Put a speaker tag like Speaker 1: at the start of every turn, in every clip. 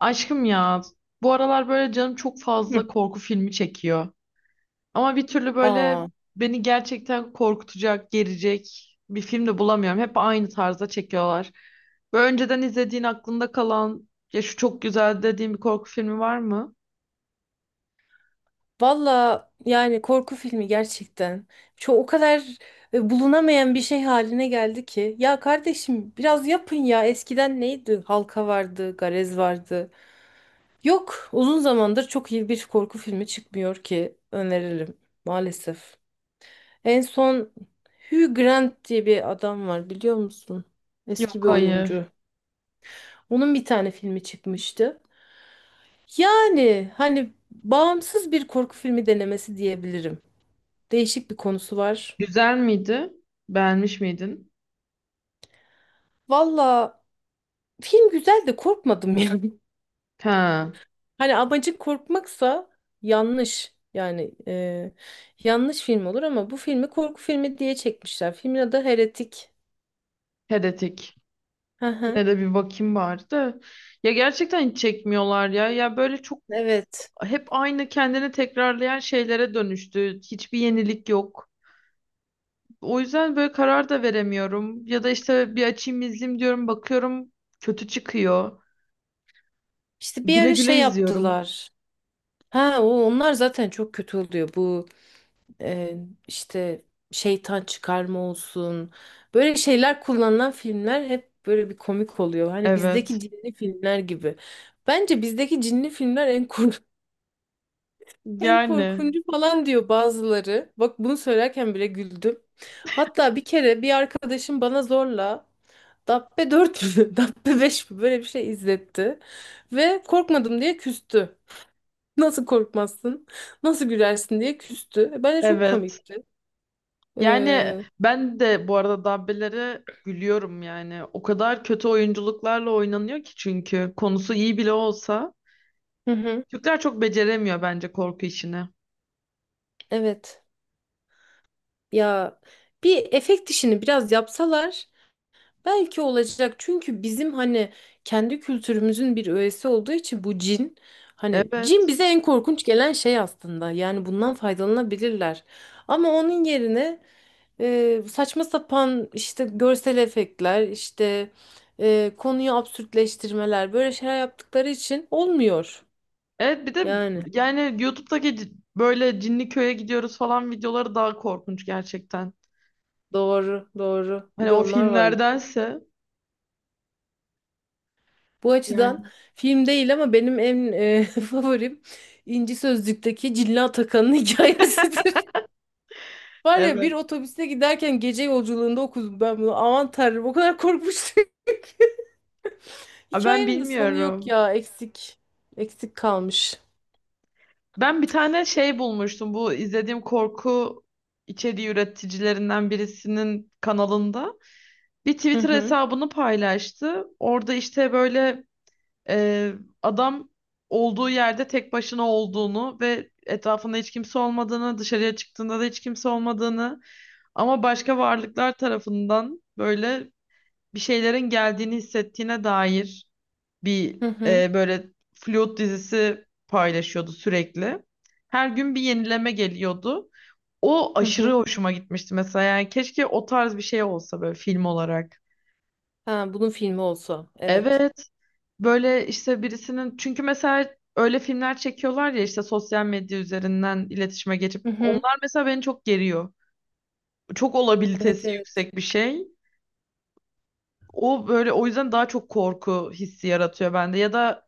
Speaker 1: Aşkım ya, bu aralar böyle canım çok fazla
Speaker 2: Hı.
Speaker 1: korku filmi çekiyor. Ama bir türlü böyle
Speaker 2: Aa,
Speaker 1: beni gerçekten korkutacak, gerecek bir film de bulamıyorum. Hep aynı tarzda çekiyorlar. Böyle önceden izlediğin aklında kalan, ya şu çok güzel dediğin bir korku filmi var mı?
Speaker 2: valla yani korku filmi gerçekten. Çok o kadar bulunamayan bir şey haline geldi ki. Ya kardeşim biraz yapın ya. Eskiden neydi? Halka vardı, Garez vardı. Yok, uzun zamandır çok iyi bir korku filmi çıkmıyor ki öneririm maalesef. En son Hugh Grant diye bir adam var biliyor musun?
Speaker 1: Yok,
Speaker 2: Eski bir
Speaker 1: hayır.
Speaker 2: oyuncu. Onun bir tane filmi çıkmıştı. Yani hani bağımsız bir korku filmi denemesi diyebilirim. Değişik bir konusu var.
Speaker 1: Güzel miydi? Beğenmiş miydin?
Speaker 2: Valla film güzel de korkmadım yani.
Speaker 1: Ha,
Speaker 2: Hani amacın korkmaksa yanlış. Yani yanlış film olur ama bu filmi korku filmi diye çekmişler. Filmin adı Heretik.
Speaker 1: Heretic.
Speaker 2: Hı
Speaker 1: Yine
Speaker 2: hı.
Speaker 1: de bir bakayım bari de. Ya gerçekten hiç çekmiyorlar ya. Ya böyle çok
Speaker 2: Evet.
Speaker 1: hep aynı kendini tekrarlayan şeylere dönüştü. Hiçbir yenilik yok. O yüzden böyle karar da veremiyorum. Ya da işte bir açayım izleyeyim diyorum, bakıyorum kötü çıkıyor.
Speaker 2: İşte bir
Speaker 1: Güle
Speaker 2: ara
Speaker 1: güle
Speaker 2: şey
Speaker 1: izliyorum.
Speaker 2: yaptılar. Ha onlar zaten çok kötü oluyor. Bu e, işte şeytan çıkarma olsun. Böyle şeyler kullanılan filmler hep böyle bir komik oluyor. Hani bizdeki
Speaker 1: Evet.
Speaker 2: cinli filmler gibi. Bence bizdeki cinli filmler en en
Speaker 1: Yani
Speaker 2: korkuncu falan diyor bazıları. Bak bunu söylerken bile güldüm. Hatta bir kere bir arkadaşım bana zorla Dabbe 4 mü, Dabbe 5 mi böyle bir şey izletti. Ve korkmadım diye küstü. Nasıl korkmazsın? Nasıl gülersin diye küstü. Bence çok
Speaker 1: evet.
Speaker 2: komikti.
Speaker 1: Yani
Speaker 2: Ee,
Speaker 1: ben de bu arada Dabbe'lere gülüyorum yani. O kadar kötü oyunculuklarla oynanıyor ki, çünkü konusu iyi bile olsa.
Speaker 2: Hı hı.
Speaker 1: Türkler çok beceremiyor bence korku işini.
Speaker 2: Evet. Ya bir efekt işini biraz yapsalar belki olacak. Çünkü bizim hani kendi kültürümüzün bir öğesi olduğu için bu cin hani cin
Speaker 1: Evet.
Speaker 2: bize en korkunç gelen şey aslında. Yani bundan faydalanabilirler. Ama onun yerine saçma sapan işte görsel efektler, işte konuyu absürtleştirmeler böyle şeyler yaptıkları için olmuyor.
Speaker 1: Evet bir de
Speaker 2: Yani
Speaker 1: yani YouTube'daki böyle cinli köye gidiyoruz falan videoları daha korkunç gerçekten.
Speaker 2: doğru, doğru. Bir
Speaker 1: Hani
Speaker 2: de
Speaker 1: o
Speaker 2: onlar var.
Speaker 1: filmlerdense
Speaker 2: Bu
Speaker 1: yani.
Speaker 2: açıdan film değil ama benim en favorim İnci Sözlük'teki Cilla Atakan'ın hikayesidir. Var ya
Speaker 1: Evet.
Speaker 2: bir otobüste giderken gece yolculuğunda okudum ben bunu. Aman tanrım o kadar korkmuştum.
Speaker 1: Aa, ben
Speaker 2: Hikayenin de sonu yok
Speaker 1: bilmiyorum.
Speaker 2: ya eksik. Eksik kalmış.
Speaker 1: Ben bir tane şey bulmuştum bu izlediğim korku içeriği üreticilerinden birisinin kanalında. Bir
Speaker 2: Hı
Speaker 1: Twitter
Speaker 2: hı
Speaker 1: hesabını paylaştı. Orada işte böyle e, adam olduğu yerde tek başına olduğunu ve etrafında hiç kimse olmadığını, dışarıya çıktığında da hiç kimse olmadığını ama başka varlıklar tarafından böyle bir şeylerin geldiğini hissettiğine dair bir
Speaker 2: hı hı
Speaker 1: böyle flüt dizisi paylaşıyordu sürekli. Her gün bir yenileme geliyordu. O
Speaker 2: hı
Speaker 1: aşırı
Speaker 2: hı.
Speaker 1: hoşuma gitmişti mesela. Yani keşke o tarz bir şey olsa böyle film olarak.
Speaker 2: Ha bunun filmi olsa evet.
Speaker 1: Evet. Böyle işte birisinin, çünkü mesela öyle filmler çekiyorlar ya, işte sosyal medya üzerinden iletişime geçip
Speaker 2: Hı hı.
Speaker 1: onlar mesela beni çok geriyor. Çok
Speaker 2: Evet
Speaker 1: olabilitesi
Speaker 2: evet.
Speaker 1: yüksek bir şey. O böyle, o yüzden daha çok korku hissi yaratıyor bende, ya da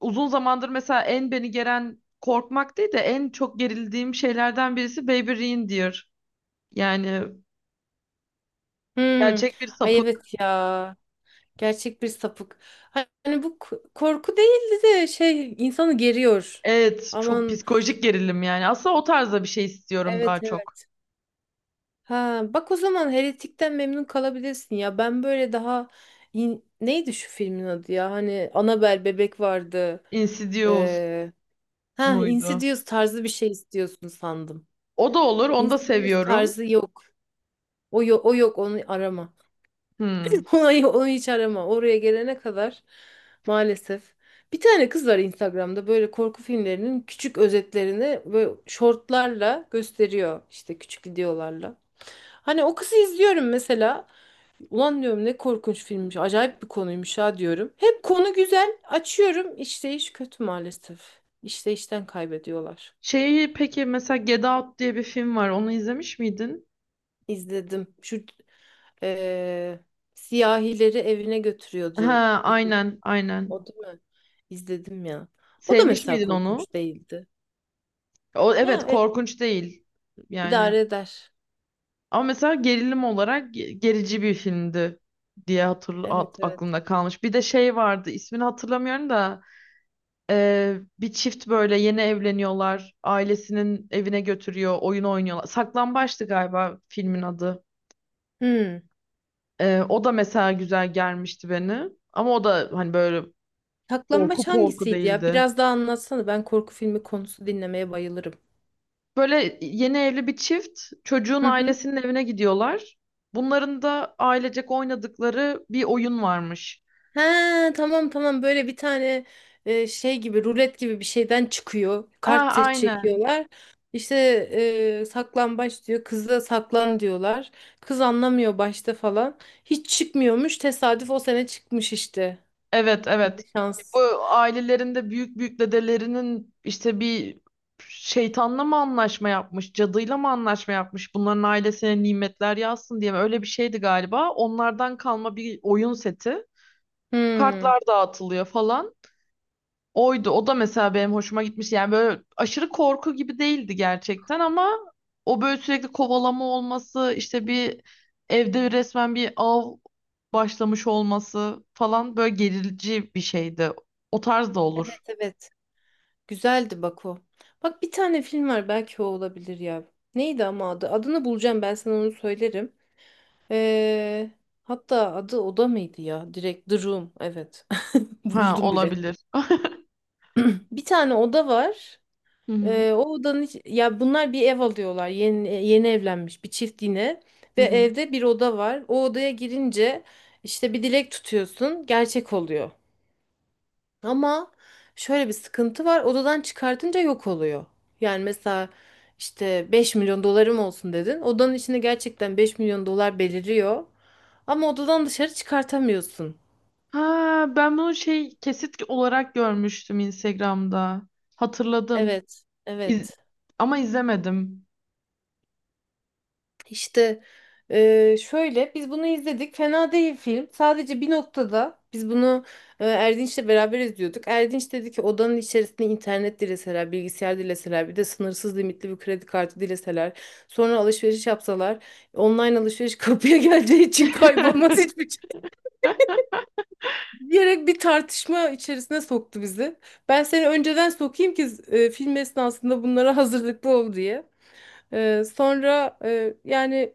Speaker 1: uzun zamandır mesela en beni geren, korkmak değil de en çok gerildiğim şeylerden birisi Baby Reindeer. Yani
Speaker 2: Hmm.
Speaker 1: gerçek bir
Speaker 2: Ay evet
Speaker 1: sapık.
Speaker 2: ya. Gerçek bir sapık. Hani bu korku değildi de şey insanı geriyor.
Speaker 1: Evet, çok
Speaker 2: Aman,
Speaker 1: psikolojik gerilim yani. Aslında o tarzda bir şey istiyorum daha
Speaker 2: evet
Speaker 1: çok.
Speaker 2: evet. Ha bak o zaman Heretik'ten memnun kalabilirsin ya. Ben böyle daha neydi şu filmin adı ya? Hani Annabelle bebek vardı.
Speaker 1: Insidious
Speaker 2: Ee, ha
Speaker 1: muydu?
Speaker 2: Insidious tarzı bir şey istiyorsun sandım.
Speaker 1: O da olur. Onu da
Speaker 2: Insidious
Speaker 1: seviyorum.
Speaker 2: tarzı yok. O yok, o yok onu arama.
Speaker 1: Hmm.
Speaker 2: Onu hiç arama. Oraya gelene kadar maalesef. Bir tane kız var Instagram'da böyle korku filmlerinin küçük özetlerini böyle şortlarla gösteriyor. İşte küçük videolarla. Hani o kızı izliyorum mesela. Ulan diyorum ne korkunç filmmiş. Acayip bir konuymuş ha diyorum. Hep konu güzel. Açıyorum. İşte iş kötü maalesef. İşte işten kaybediyorlar.
Speaker 1: Şeyi peki, mesela Get Out diye bir film var. Onu izlemiş miydin?
Speaker 2: İzledim. Şu eee, siyahileri evine götürüyordu.
Speaker 1: Ha, aynen, aynen.
Speaker 2: O değil mi? İzledim ya. O da
Speaker 1: Sevmiş
Speaker 2: mesela
Speaker 1: miydin onu?
Speaker 2: korkunç değildi.
Speaker 1: O
Speaker 2: Ya
Speaker 1: evet, korkunç değil. Yani
Speaker 2: idare eder.
Speaker 1: ama mesela gerilim olarak gerici bir filmdi diye
Speaker 2: Evet evet.
Speaker 1: aklımda kalmış. Bir de şey vardı. İsmini hatırlamıyorum da bir çift böyle yeni evleniyorlar. Ailesinin evine götürüyor, oyun oynuyorlar. Saklambaçtı galiba filmin adı.
Speaker 2: Hmm.
Speaker 1: O da mesela güzel gelmişti beni. Ama o da hani böyle korku
Speaker 2: Saklambaç
Speaker 1: korku
Speaker 2: hangisiydi ya?
Speaker 1: değildi.
Speaker 2: Biraz daha anlatsana. Ben korku filmi konusu dinlemeye bayılırım.
Speaker 1: Böyle yeni evli bir çift çocuğun
Speaker 2: Hı hı.
Speaker 1: ailesinin evine gidiyorlar. Bunların da ailecek oynadıkları bir oyun varmış.
Speaker 2: Ha tamam tamam böyle bir tane şey gibi rulet gibi bir şeyden çıkıyor.
Speaker 1: Ha,
Speaker 2: Kart set
Speaker 1: aynen.
Speaker 2: çekiyorlar. İşte saklambaç diyor. Kıza saklan diyorlar. Kız anlamıyor başta falan. Hiç çıkmıyormuş. Tesadüf o sene çıkmış işte.
Speaker 1: Evet, evet.
Speaker 2: Ne
Speaker 1: Bu
Speaker 2: şans.
Speaker 1: ailelerinde büyük büyük dedelerinin işte bir şeytanla mı anlaşma yapmış, cadıyla mı anlaşma yapmış, bunların ailesine nimetler yazsın diye mi? Öyle bir şeydi galiba. Onlardan kalma bir oyun seti.
Speaker 2: Hmm.
Speaker 1: Kartlar dağıtılıyor falan. Oydu. O da mesela benim hoşuma gitmiş. Yani böyle aşırı korku gibi değildi gerçekten ama o böyle sürekli kovalama olması, işte bir evde resmen bir av başlamış olması falan, böyle gerici bir şeydi. O tarz da olur.
Speaker 2: Evet. Güzeldi bak o. Bak bir tane film var belki o olabilir ya. Neydi ama adı? Adını bulacağım ben sana onu söylerim. Ee, hatta adı oda mıydı ya? Direkt The Room. Evet.
Speaker 1: Ha,
Speaker 2: Buldum bile.
Speaker 1: olabilir.
Speaker 2: Bir tane oda var.
Speaker 1: Hı hı.
Speaker 2: O odanın ya bunlar bir ev alıyorlar. Yeni yeni evlenmiş bir çift yine
Speaker 1: Hı
Speaker 2: ve
Speaker 1: hı.
Speaker 2: evde bir oda var. O odaya girince işte bir dilek tutuyorsun, gerçek oluyor. Ama şöyle bir sıkıntı var. Odadan çıkartınca yok oluyor. Yani mesela işte 5 milyon dolarım olsun dedin. Odanın içinde gerçekten 5 milyon dolar beliriyor. Ama odadan dışarı çıkartamıyorsun.
Speaker 1: Ha, ben bunu şey, kesit olarak görmüştüm Instagram'da. Hatırladım.
Speaker 2: Evet,
Speaker 1: İz-
Speaker 2: evet.
Speaker 1: Ama izlemedim.
Speaker 2: İşte şöyle biz bunu izledik. Fena değil film. Sadece bir noktada biz bunu Erdinç'le beraber izliyorduk. Erdinç dedi ki odanın içerisinde internet dileseler, bilgisayar dileseler, bir de sınırsız limitli bir kredi kartı dileseler, sonra alışveriş yapsalar, online alışveriş kapıya geleceği için kaybolmaz hiçbir şey diyerek bir tartışma içerisine soktu bizi. Ben seni önceden sokayım ki film esnasında bunlara hazırlıklı ol diye. Sonra yani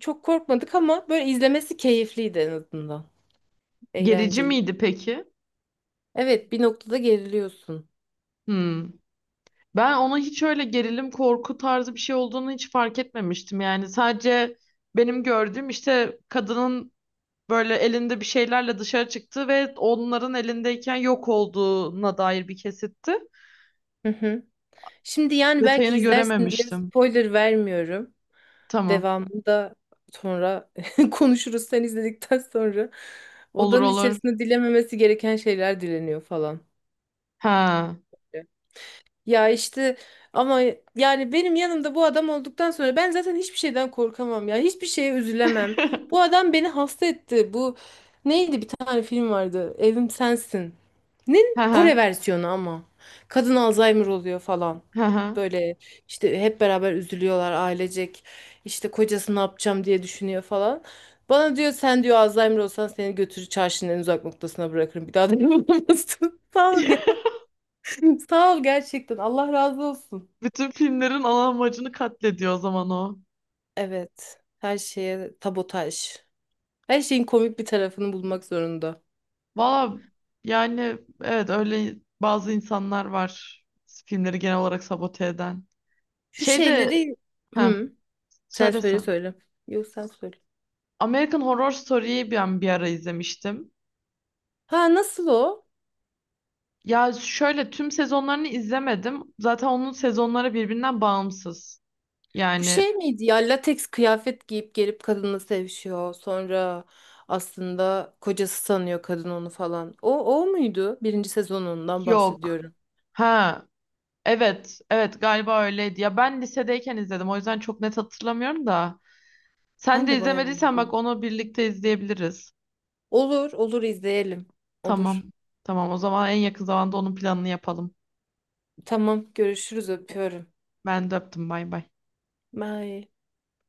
Speaker 2: çok korkmadık ama böyle izlemesi keyifliydi en azından.
Speaker 1: Gerici
Speaker 2: Eğlenceli.
Speaker 1: miydi peki?
Speaker 2: Evet, bir noktada geriliyorsun.
Speaker 1: Hmm. Ben ona hiç öyle gerilim korku tarzı bir şey olduğunu hiç fark etmemiştim. Yani sadece benim gördüğüm işte kadının böyle elinde bir şeylerle dışarı çıktığı ve onların elindeyken yok olduğuna dair bir kesitti.
Speaker 2: Hı hı. Şimdi yani belki
Speaker 1: Detayını
Speaker 2: izlersin diye
Speaker 1: görememiştim.
Speaker 2: spoiler vermiyorum.
Speaker 1: Tamam.
Speaker 2: Devamını da sonra konuşuruz sen izledikten sonra.
Speaker 1: Olur,
Speaker 2: Odanın
Speaker 1: olur.
Speaker 2: içerisinde dilememesi gereken şeyler dileniyor falan.
Speaker 1: Ha.
Speaker 2: Ya işte ama yani benim yanımda bu adam olduktan sonra ben zaten hiçbir şeyden korkamam ya. Hiçbir şeye üzülemem. Bu adam beni hasta etti. Bu neydi bir tane film vardı. Evim Sensin. Nin
Speaker 1: Ha ha.
Speaker 2: Kore versiyonu ama. Kadın Alzheimer oluyor falan.
Speaker 1: Ha ha.
Speaker 2: Böyle işte hep beraber üzülüyorlar ailecek. İşte kocası ne yapacağım diye düşünüyor falan. Bana diyor sen diyor Alzheimer olsan seni götürür çarşının en uzak noktasına bırakırım. Bir daha da bulamazsın. Sağ ol ya. Sağ ol gerçekten. Allah razı olsun.
Speaker 1: Bütün filmlerin ana amacını katlediyor o zaman o.
Speaker 2: Evet. Her şeye tabotaj. Her şeyin komik bir tarafını bulmak zorunda.
Speaker 1: Valla yani evet, öyle bazı insanlar var filmleri genel olarak sabote eden.
Speaker 2: Şu
Speaker 1: Şey de,
Speaker 2: şeyleri...
Speaker 1: ha,
Speaker 2: Hı, sen
Speaker 1: söylese.
Speaker 2: söyle söyle. Yok sen söyle.
Speaker 1: American Horror Story'yi ben bir ara izlemiştim.
Speaker 2: Ha nasıl o?
Speaker 1: Ya şöyle, tüm sezonlarını izlemedim. Zaten onun sezonları birbirinden bağımsız.
Speaker 2: Bu
Speaker 1: Yani
Speaker 2: şey miydi ya? Lateks kıyafet giyip gelip kadınla sevişiyor. Sonra aslında kocası sanıyor kadın onu falan. O muydu? Birinci sezonundan
Speaker 1: yok.
Speaker 2: bahsediyorum.
Speaker 1: Ha evet, evet galiba öyleydi. Ya ben lisedeyken izledim, o yüzden çok net hatırlamıyorum da. Sen
Speaker 2: Ben
Speaker 1: de
Speaker 2: de bayağı
Speaker 1: izlemediysen bak,
Speaker 2: oldu.
Speaker 1: onu birlikte izleyebiliriz.
Speaker 2: Olur olur izleyelim.
Speaker 1: Tamam.
Speaker 2: Olur.
Speaker 1: Tamam, o zaman en yakın zamanda onun planını yapalım.
Speaker 2: Tamam görüşürüz öpüyorum.
Speaker 1: Ben de öptüm, bay bay.
Speaker 2: Bye.